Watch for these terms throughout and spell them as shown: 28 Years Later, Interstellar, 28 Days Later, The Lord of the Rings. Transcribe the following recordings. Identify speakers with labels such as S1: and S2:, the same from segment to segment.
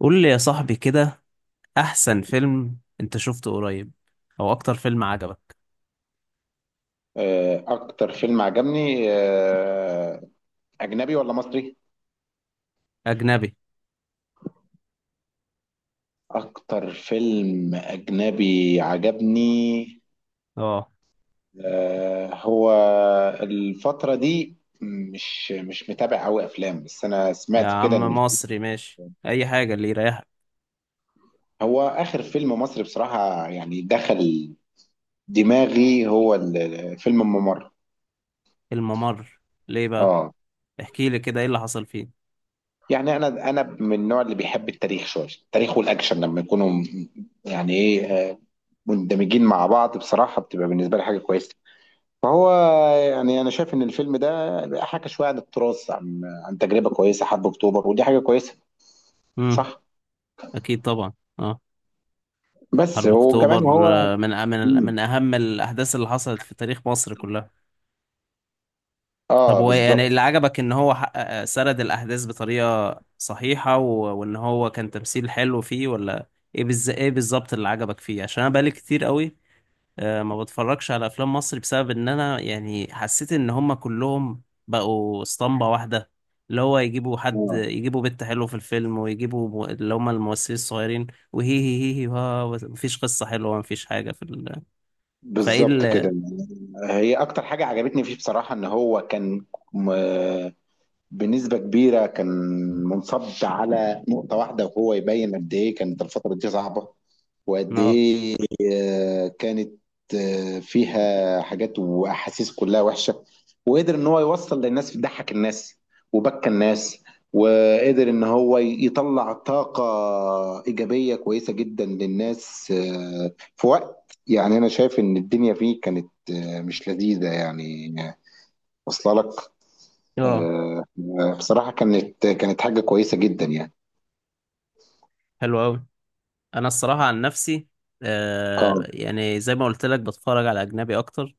S1: قول لي يا صاحبي كده، احسن فيلم انت شفته قريب او اكتر فيلم عجبك؟
S2: اكتر فيلم عجبني اجنبي ولا مصري؟
S1: اجنبي.
S2: اكتر فيلم اجنبي عجبني.
S1: اه،
S2: هو الفترة دي مش متابع قوي افلام، بس انا
S1: يا
S2: سمعت كده
S1: عم
S2: ان
S1: مصري ماشي اي حاجه اللي يريحك.
S2: هو اخر فيلم مصري بصراحة يعني دخل دماغي هو فيلم الممر.
S1: الممر؟ ليه بقى؟
S2: اه.
S1: احكي لي كده ايه اللي حصل فيه.
S2: يعني انا من النوع اللي بيحب التاريخ، شوية التاريخ والاكشن لما يكونوا يعني ايه، مندمجين مع بعض، بصراحة بتبقى بالنسبة لي حاجة كويسة. فهو يعني أنا شايف إن الفيلم ده حكى شوية عن التراث، عن تجربة كويسة، حرب أكتوبر، ودي حاجة كويسة،
S1: امم.
S2: صح؟
S1: اكيد طبعا. اه.
S2: بس
S1: حرب
S2: وكمان
S1: اكتوبر،
S2: هو
S1: من أ- من
S2: مم.
S1: من اهم الاحداث اللي حصلت في تاريخ مصر كلها. طب
S2: آه
S1: هو يعني
S2: بالظبط.
S1: اللي عجبك ان هو حقق سرد الاحداث بطريقه صحيحه وان هو كان تمثيل حلو فيه؟ ولا ايه بالظبط اللي عجبك فيه؟ عشان انا بقالي كتير قوي ما بتفرجش على افلام مصر بسبب ان انا يعني حسيت ان هم كلهم بقوا اسطمبة واحدة، اللي هو يجيبوا حد،
S2: آه
S1: يجيبوا بنت حلوة في الفيلم، ويجيبوا اللي هم الممثلين الصغيرين، وهي هي هي هي ها مفيش قصة حلوة، مفيش حاجة في فايه
S2: بالظبط كده.
S1: ال...
S2: هي أكتر حاجة عجبتني فيه بصراحة إن هو كان، م- بنسبة كبيرة كان منصب على نقطة واحدة، وهو يبين قد إيه كانت الفترة دي صعبة، وقد
S1: اه،
S2: إيه كانت فيها حاجات واحاسيس كلها وحشه، وقدر ان هو يوصل للناس، ضحك الناس وبكى الناس، وقدر ان هو يطلع طاقه ايجابيه كويسه جدا للناس، في وقت يعني انا شايف ان الدنيا فيه كانت مش لذيذه يعني. واصله لك.
S1: اه،
S2: آه، بصراحه كانت حاجه كويسه جدا يعني.
S1: حلو قوي. انا الصراحة عن نفسي،
S2: اه.
S1: يعني زي ما قلت لك بتفرج على اجنبي اكتر.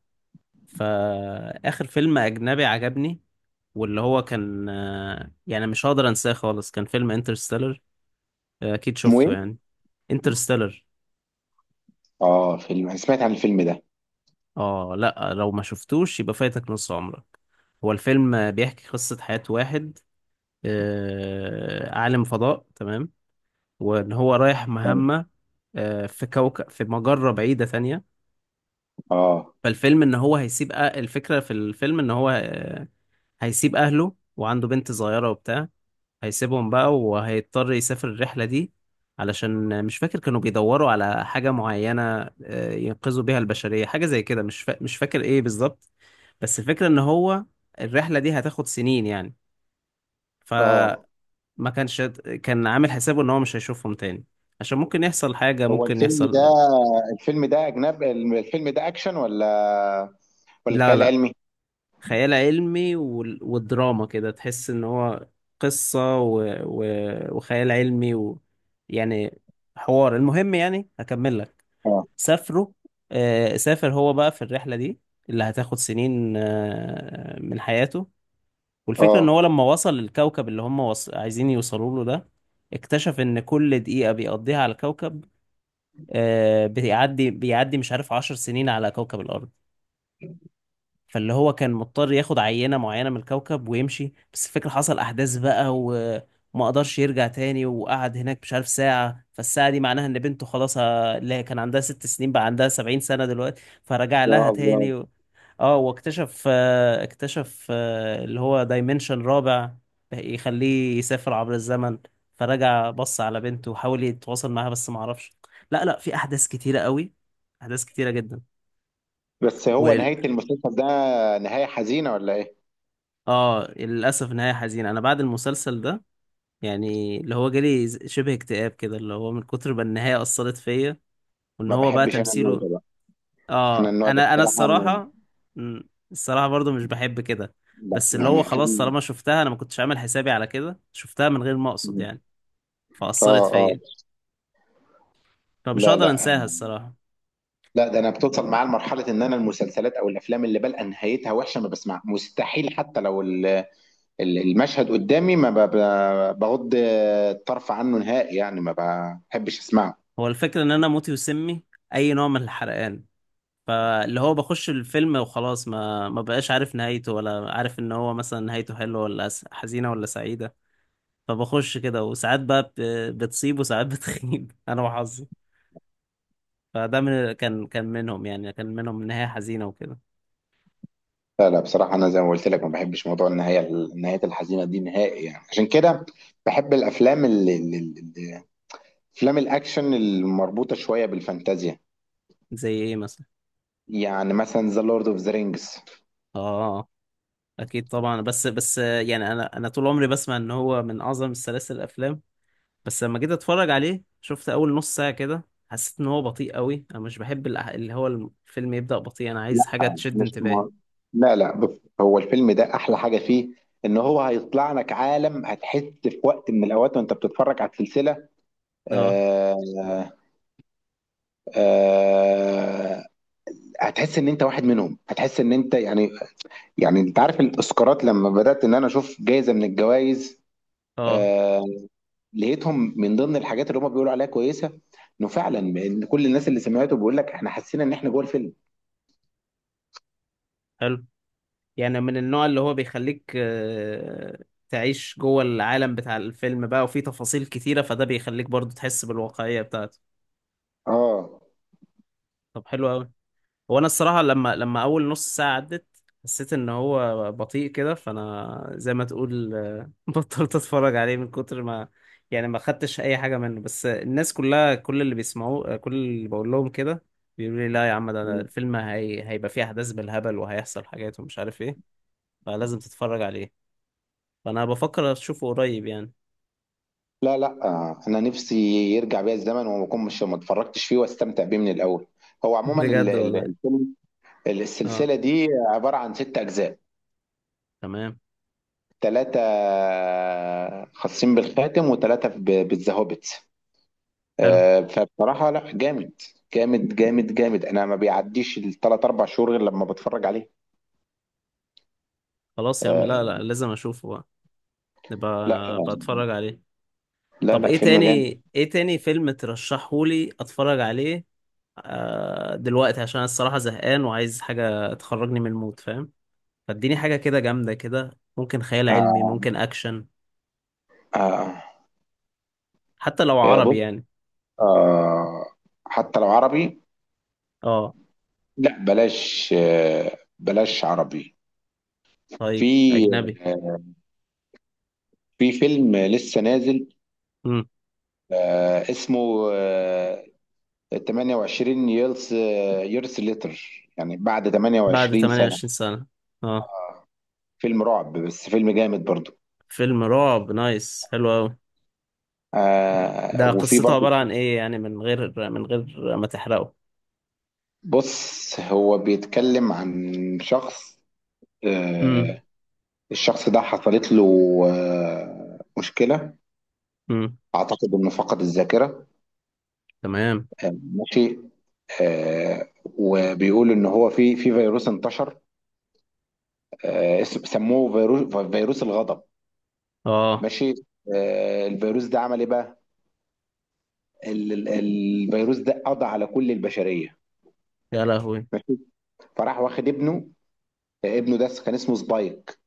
S1: فاخر فيلم اجنبي عجبني واللي هو كان، يعني مش هقدر انساه خالص، كان فيلم انترستيلر. اكيد
S2: اسمه ايه؟
S1: شفته يعني. انترستيلر.
S2: اه، فيلم انا سمعت عن الفيلم ده.
S1: اه، لا لو ما شفتوش يبقى فايتك نص عمرك. هو الفيلم بيحكي قصة حياة واحد، عالم فضاء تمام، وان هو رايح مهمة في كوكب في مجرة بعيدة تانية.
S2: اه.
S1: فالفيلم ان هو هيسيب أه- الفكرة في الفيلم ان هو هيسيب اهله وعنده بنت صغيرة وبتاع. هيسيبهم بقى وهيضطر يسافر الرحلة دي، علشان مش فاكر كانوا بيدوروا على حاجة معينة ينقذوا بيها البشرية، حاجة زي كده، مش فاكر ايه بالظبط. بس الفكرة ان هو الرحلة دي هتاخد سنين يعني.
S2: اه.
S1: فما كانش كان عامل حسابه ان هو مش هيشوفهم تاني، عشان ممكن يحصل حاجة،
S2: هو
S1: ممكن
S2: الفيلم ده،
S1: يحصل.
S2: الفيلم ده أجنب الفيلم ده أكشن ولا ولا
S1: لا،
S2: خيال
S1: لا،
S2: علمي؟
S1: خيال علمي والدراما، كده تحس ان هو قصة و... وخيال علمي يعني حوار، المهم يعني هكمل لك.
S2: اه.
S1: سافروا سافر هو بقى في الرحلة دي اللي هتاخد سنين من حياته. والفكرة ان هو
S2: اه.
S1: لما وصل للكوكب اللي هم عايزين يوصلوا له ده، اكتشف ان كل دقيقة بيقضيها على الكوكب بيعدي مش عارف عشر سنين على كوكب الأرض. فاللي هو كان مضطر ياخد عينة معينة من الكوكب ويمشي. بس الفكرة حصل أحداث بقى وما قدرش يرجع تاني، وقعد هناك مش عارف ساعة، فالساعة دي معناها إن بنته خلاص اللي هي كان عندها ست سنين بقى عندها سبعين سنة دلوقتي، فرجع لها
S2: يا الله.
S1: تاني اه، واكتشف آه، اكتشف اللي هو دايمنشن رابع، يخليه يسافر عبر الزمن. فرجع بص على بنته وحاول يتواصل معاها بس ما عرفش. لا، لا، في أحداث كتيرة قوي، أحداث كتيرة جدا.
S2: بس هو نهاية المسلسل ده، نهاية حزينة ولا إيه؟
S1: اه، للاسف نهايه حزينه. انا بعد المسلسل ده يعني اللي هو جالي شبه اكتئاب كده، اللي هو من كتر ما النهايه اثرت فيا. وان
S2: ما
S1: هو بقى
S2: بحبش أنا النوع
S1: تمثيله.
S2: ده بقى. أنا
S1: اه،
S2: النوع ده
S1: انا
S2: بصراحة ما-
S1: الصراحه. الصراحه برضو مش بحب كده.
S2: لا
S1: بس اللي
S2: يعني
S1: هو خلاص، طالما شفتها انا ما كنتش عامل حسابي على كده، شفتها من غير ما اقصد يعني،
S2: اه،
S1: فاثرت
S2: اه.
S1: فيا، فمش
S2: لا
S1: هقدر
S2: لا.
S1: انساها الصراحه.
S2: لا ده انا بتوصل معايا لمرحله ان انا المسلسلات او الافلام اللي بلقى نهايتها وحشه ما بسمع، مستحيل، حتى لو المشهد قدامي ما ب- ب- بغض الطرف عنه نهائي، يعني ما بحبش اسمعه.
S1: هو الفكره ان انا موتي وسمي اي نوع من الحرقان. فاللي هو بخش الفيلم وخلاص، ما بقاش عارف نهايته، ولا عارف ان هو مثلا نهايته حلوه ولا حزينه ولا سعيده. فبخش كده، وساعات بقى بتصيب وساعات بتخيب انا وحظي. فده من كان كان منهم يعني، كان منهم نهايه حزينه وكده.
S2: لا لا، بصراحة أنا زي ما قلت لك ما بحبش موضوع النهاية، الحزينة دي نهائي، يعني عشان كده بحب الأفلام أفلام الأكشن المربوطة شوية بالفانتازيا.
S1: زي ايه مثلا؟
S2: يعني مثلا ذا لورد أوف ذا رينجز.
S1: اه، اكيد طبعا، بس يعني انا طول عمري بسمع ان هو من اعظم السلاسل الافلام. بس لما جيت اتفرج عليه، شفت اول نص ساعه كده، حسيت ان هو بطيء قوي. انا مش بحب اللي هو الفيلم يبدأ بطيء، انا
S2: لا
S1: عايز حاجه تشد
S2: مش
S1: انتباهي.
S2: مار. لا لا، بص، هو الفيلم ده أحلى حاجة فيه إن هو هيطلع لك عالم، هتحس في وقت من الأوقات وأنت بتتفرج على السلسلة
S1: اه،
S2: آه آه آه، هتحس إن أنت واحد منهم، هتحس إن أنت يعني، يعني انت عارف الاسكارات لما بدات ان انا اشوف جايزه من الجوائز،
S1: اه،
S2: آه، لقيتهم من ضمن الحاجات اللي هم بيقولوا عليها كويسه، انه فعلا ان كل الناس اللي سمعته بيقول لك احنا حسينا ان احنا جوه الفيلم.
S1: حلو. يعني من النوع اللي هو بيخليك، تعيش جوه العالم بتاع الفيلم بقى، وفيه تفاصيل كتيرة، فده بيخليك برضو تحس بالواقعية بتاعته.
S2: اه.
S1: طب حلو أوي. هو أنا الصراحة لما أول نص ساعة عدت، حسيت إن هو بطيء كده، فأنا زي ما تقول بطلت أتفرج عليه من كتر ما يعني ما خدتش أي حاجة منه. بس الناس كلها، كل اللي بيسمعوه كل اللي بقول لهم كده، بيقولوا لي لا يا عم ده الفيلم هيبقى فيه أحداث بالهبل وهيحصل حاجات ومش عارف إيه، فلازم تتفرج عليه. فانا بفكر اشوفه قريب يعني.
S2: لا لا، انا نفسي يرجع بيا الزمن وما اكون مش ما اتفرجتش فيه، واستمتع بيه من الاول. هو عموما
S1: بجد والله.
S2: الفيلم،
S1: اه،
S2: السلسله دي، عباره عن ست اجزاء،
S1: تمام،
S2: ثلاثه خاصين بالخاتم وثلاثه بالذهبت.
S1: حلو.
S2: فبصراحة لا، جامد جامد، انا ما بيعديش الثلاث اربع شهور غير لما بتفرج عليه.
S1: خلاص يا عم، لا،
S2: آه،
S1: لا، لازم اشوفه بقى،
S2: لا
S1: نبقى بتفرج عليه.
S2: لا،
S1: طب
S2: لا
S1: ايه
S2: فيلم
S1: تاني؟
S2: جامد.
S1: ايه تاني فيلم ترشحهولي اتفرج عليه دلوقتي؟ عشان أنا الصراحة زهقان وعايز حاجة تخرجني من المود، فاهم؟ فاديني حاجة كده جامدة كده، ممكن خيال علمي،
S2: آه،
S1: ممكن اكشن،
S2: آه،
S1: حتى لو عربي
S2: بص،
S1: يعني.
S2: آه، حتى لو عربي،
S1: اه،
S2: لا بلاش، بلاش عربي.
S1: طيب
S2: في،
S1: اجنبي.
S2: آه، في فيلم لسه نازل،
S1: امم.
S2: اسمه 28 يرس، يرس ليتر، يعني بعد
S1: بعد
S2: 28 سنة.
S1: 28 سنة. اه،
S2: فيلم رعب، بس فيلم جامد برضو.
S1: فيلم رعب، نايس، حلو قوي. ده
S2: وفي
S1: قصته
S2: برضو،
S1: عبارة عن ايه يعني، من غير ما تحرقه؟
S2: بص، هو بيتكلم عن شخص،
S1: امم.
S2: آه، الشخص ده حصلت له مشكلة،
S1: امم.
S2: أعتقد إنه فقد الذاكرة.
S1: تمام.
S2: ماشي. وبيقول إن هو في فيروس انتشر، سموه فيروس، فيروس الغضب.
S1: اه،
S2: ماشي. الفيروس ده عمل إيه بقى؟ الفيروس ده قضى على كل البشرية.
S1: يا لهوي.
S2: ماشي. فراح واخد ابنه، ابنه ده كان اسمه سبايك،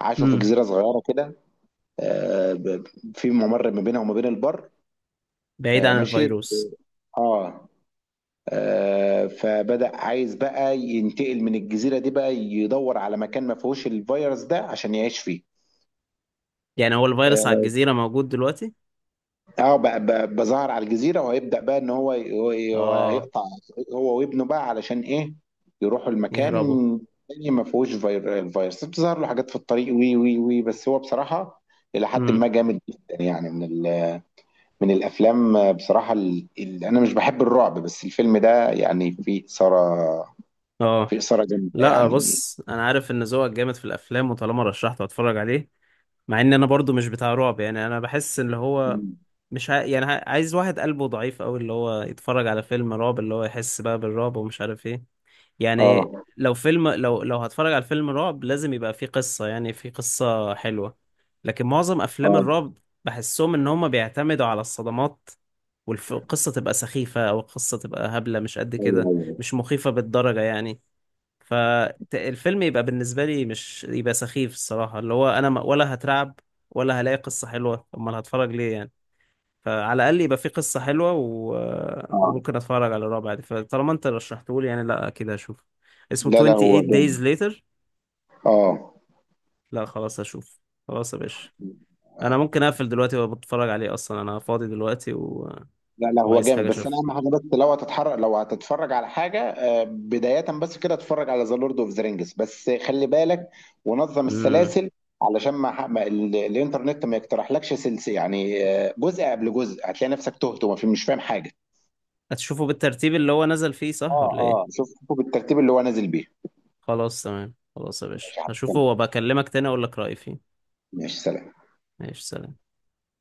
S2: عاشوا في
S1: امم.
S2: جزيرة صغيرة كده، آه، ب- في ممر ما بينها وما بين البر.
S1: بعيد عن
S2: ماشي.
S1: الفيروس.
S2: اه. فبدأ عايز بقى ينتقل من الجزيرة دي، بقى يدور على مكان ما فيهوش الفيروس ده عشان يعيش فيه.
S1: يعني هو الفيروس على
S2: اه.
S1: الجزيرة موجود دلوقتي؟
S2: بقى ظهر على الجزيرة، وهيبدأ بقى ان هو
S1: اه.
S2: هيقطع، هو وابنه، بقى علشان ايه؟ يروحوا المكان
S1: يهربوا.
S2: تاني ما فيهوش الفيروس. بتظهر له حاجات في الطريق، وي وي وي بس هو بصراحة إلى حد ما
S1: امم.
S2: جامد جدا، يعني من من الافلام بصراحه، اللي انا مش بحب الرعب، بس الفيلم ده يعني فيه اثاره،
S1: اه،
S2: فيه اثاره جامده
S1: لا،
S2: يعني.
S1: بص انا عارف ان ذوقك جامد في الافلام، وطالما رشحته هتفرج عليه. مع ان انا برضو مش بتاع رعب يعني، انا بحس اللي هو
S2: مم.
S1: مش ع... يعني عايز واحد قلبه ضعيف قوي اللي هو يتفرج على فيلم رعب، اللي هو يحس بقى بالرعب ومش عارف ايه. يعني
S2: اه.
S1: لو هتفرج على فيلم رعب، لازم يبقى فيه قصة، يعني فيه قصة حلوة. لكن معظم أفلام
S2: اه.
S1: الرعب بحسهم إن هما بيعتمدوا على الصدمات، والقصة تبقى سخيفة أو القصة تبقى هبلة، مش قد
S2: ايوه
S1: كده،
S2: ايوه.
S1: مش مخيفة بالدرجة يعني. فالفيلم يبقى بالنسبة لي مش يبقى سخيف الصراحة، اللي هو أنا ولا هترعب ولا هلاقي قصة حلوة، أمال هتفرج ليه يعني؟ فعلى الاقل يبقى في قصه حلوه
S2: اه.
S1: وممكن اتفرج على الرابع دي. فطالما انت رشحته لي يعني، لا اكيد هشوف. اسمه
S2: لا لا، هو
S1: 28 days
S2: جامد.
S1: later.
S2: اه.
S1: لا خلاص هشوف. خلاص يا باشا، انا ممكن اقفل دلوقتي وبتفرج عليه، اصلا انا فاضي دلوقتي
S2: لا لا، هو
S1: وعايز
S2: جامد،
S1: حاجه
S2: بس انا
S1: اشوفها.
S2: اهم حاجه، بس لو هتتحرك، لو هتتفرج على حاجه، بدايه بس كده، اتفرج على ذا لورد اوف ذا رينجز، بس خلي بالك ونظم
S1: امم.
S2: السلاسل، علشان ما, ح- ما ال- الانترنت ما يقترحلكش سلسله يعني، جزء قبل جزء، هتلاقي نفسك تهت ومش فاهم حاجه.
S1: هتشوفه بالترتيب اللي هو نزل فيه، صح
S2: اه
S1: ولا
S2: اه،
S1: ايه؟
S2: شوفوا بالترتيب اللي هو نازل بيه.
S1: خلاص تمام. خلاص يا باشا،
S2: ماشي،
S1: هشوفه
S2: هتكلم.
S1: وبكلمك تاني اقول لك رايي فيه.
S2: ماشي، سلام.
S1: ماشي، سلام.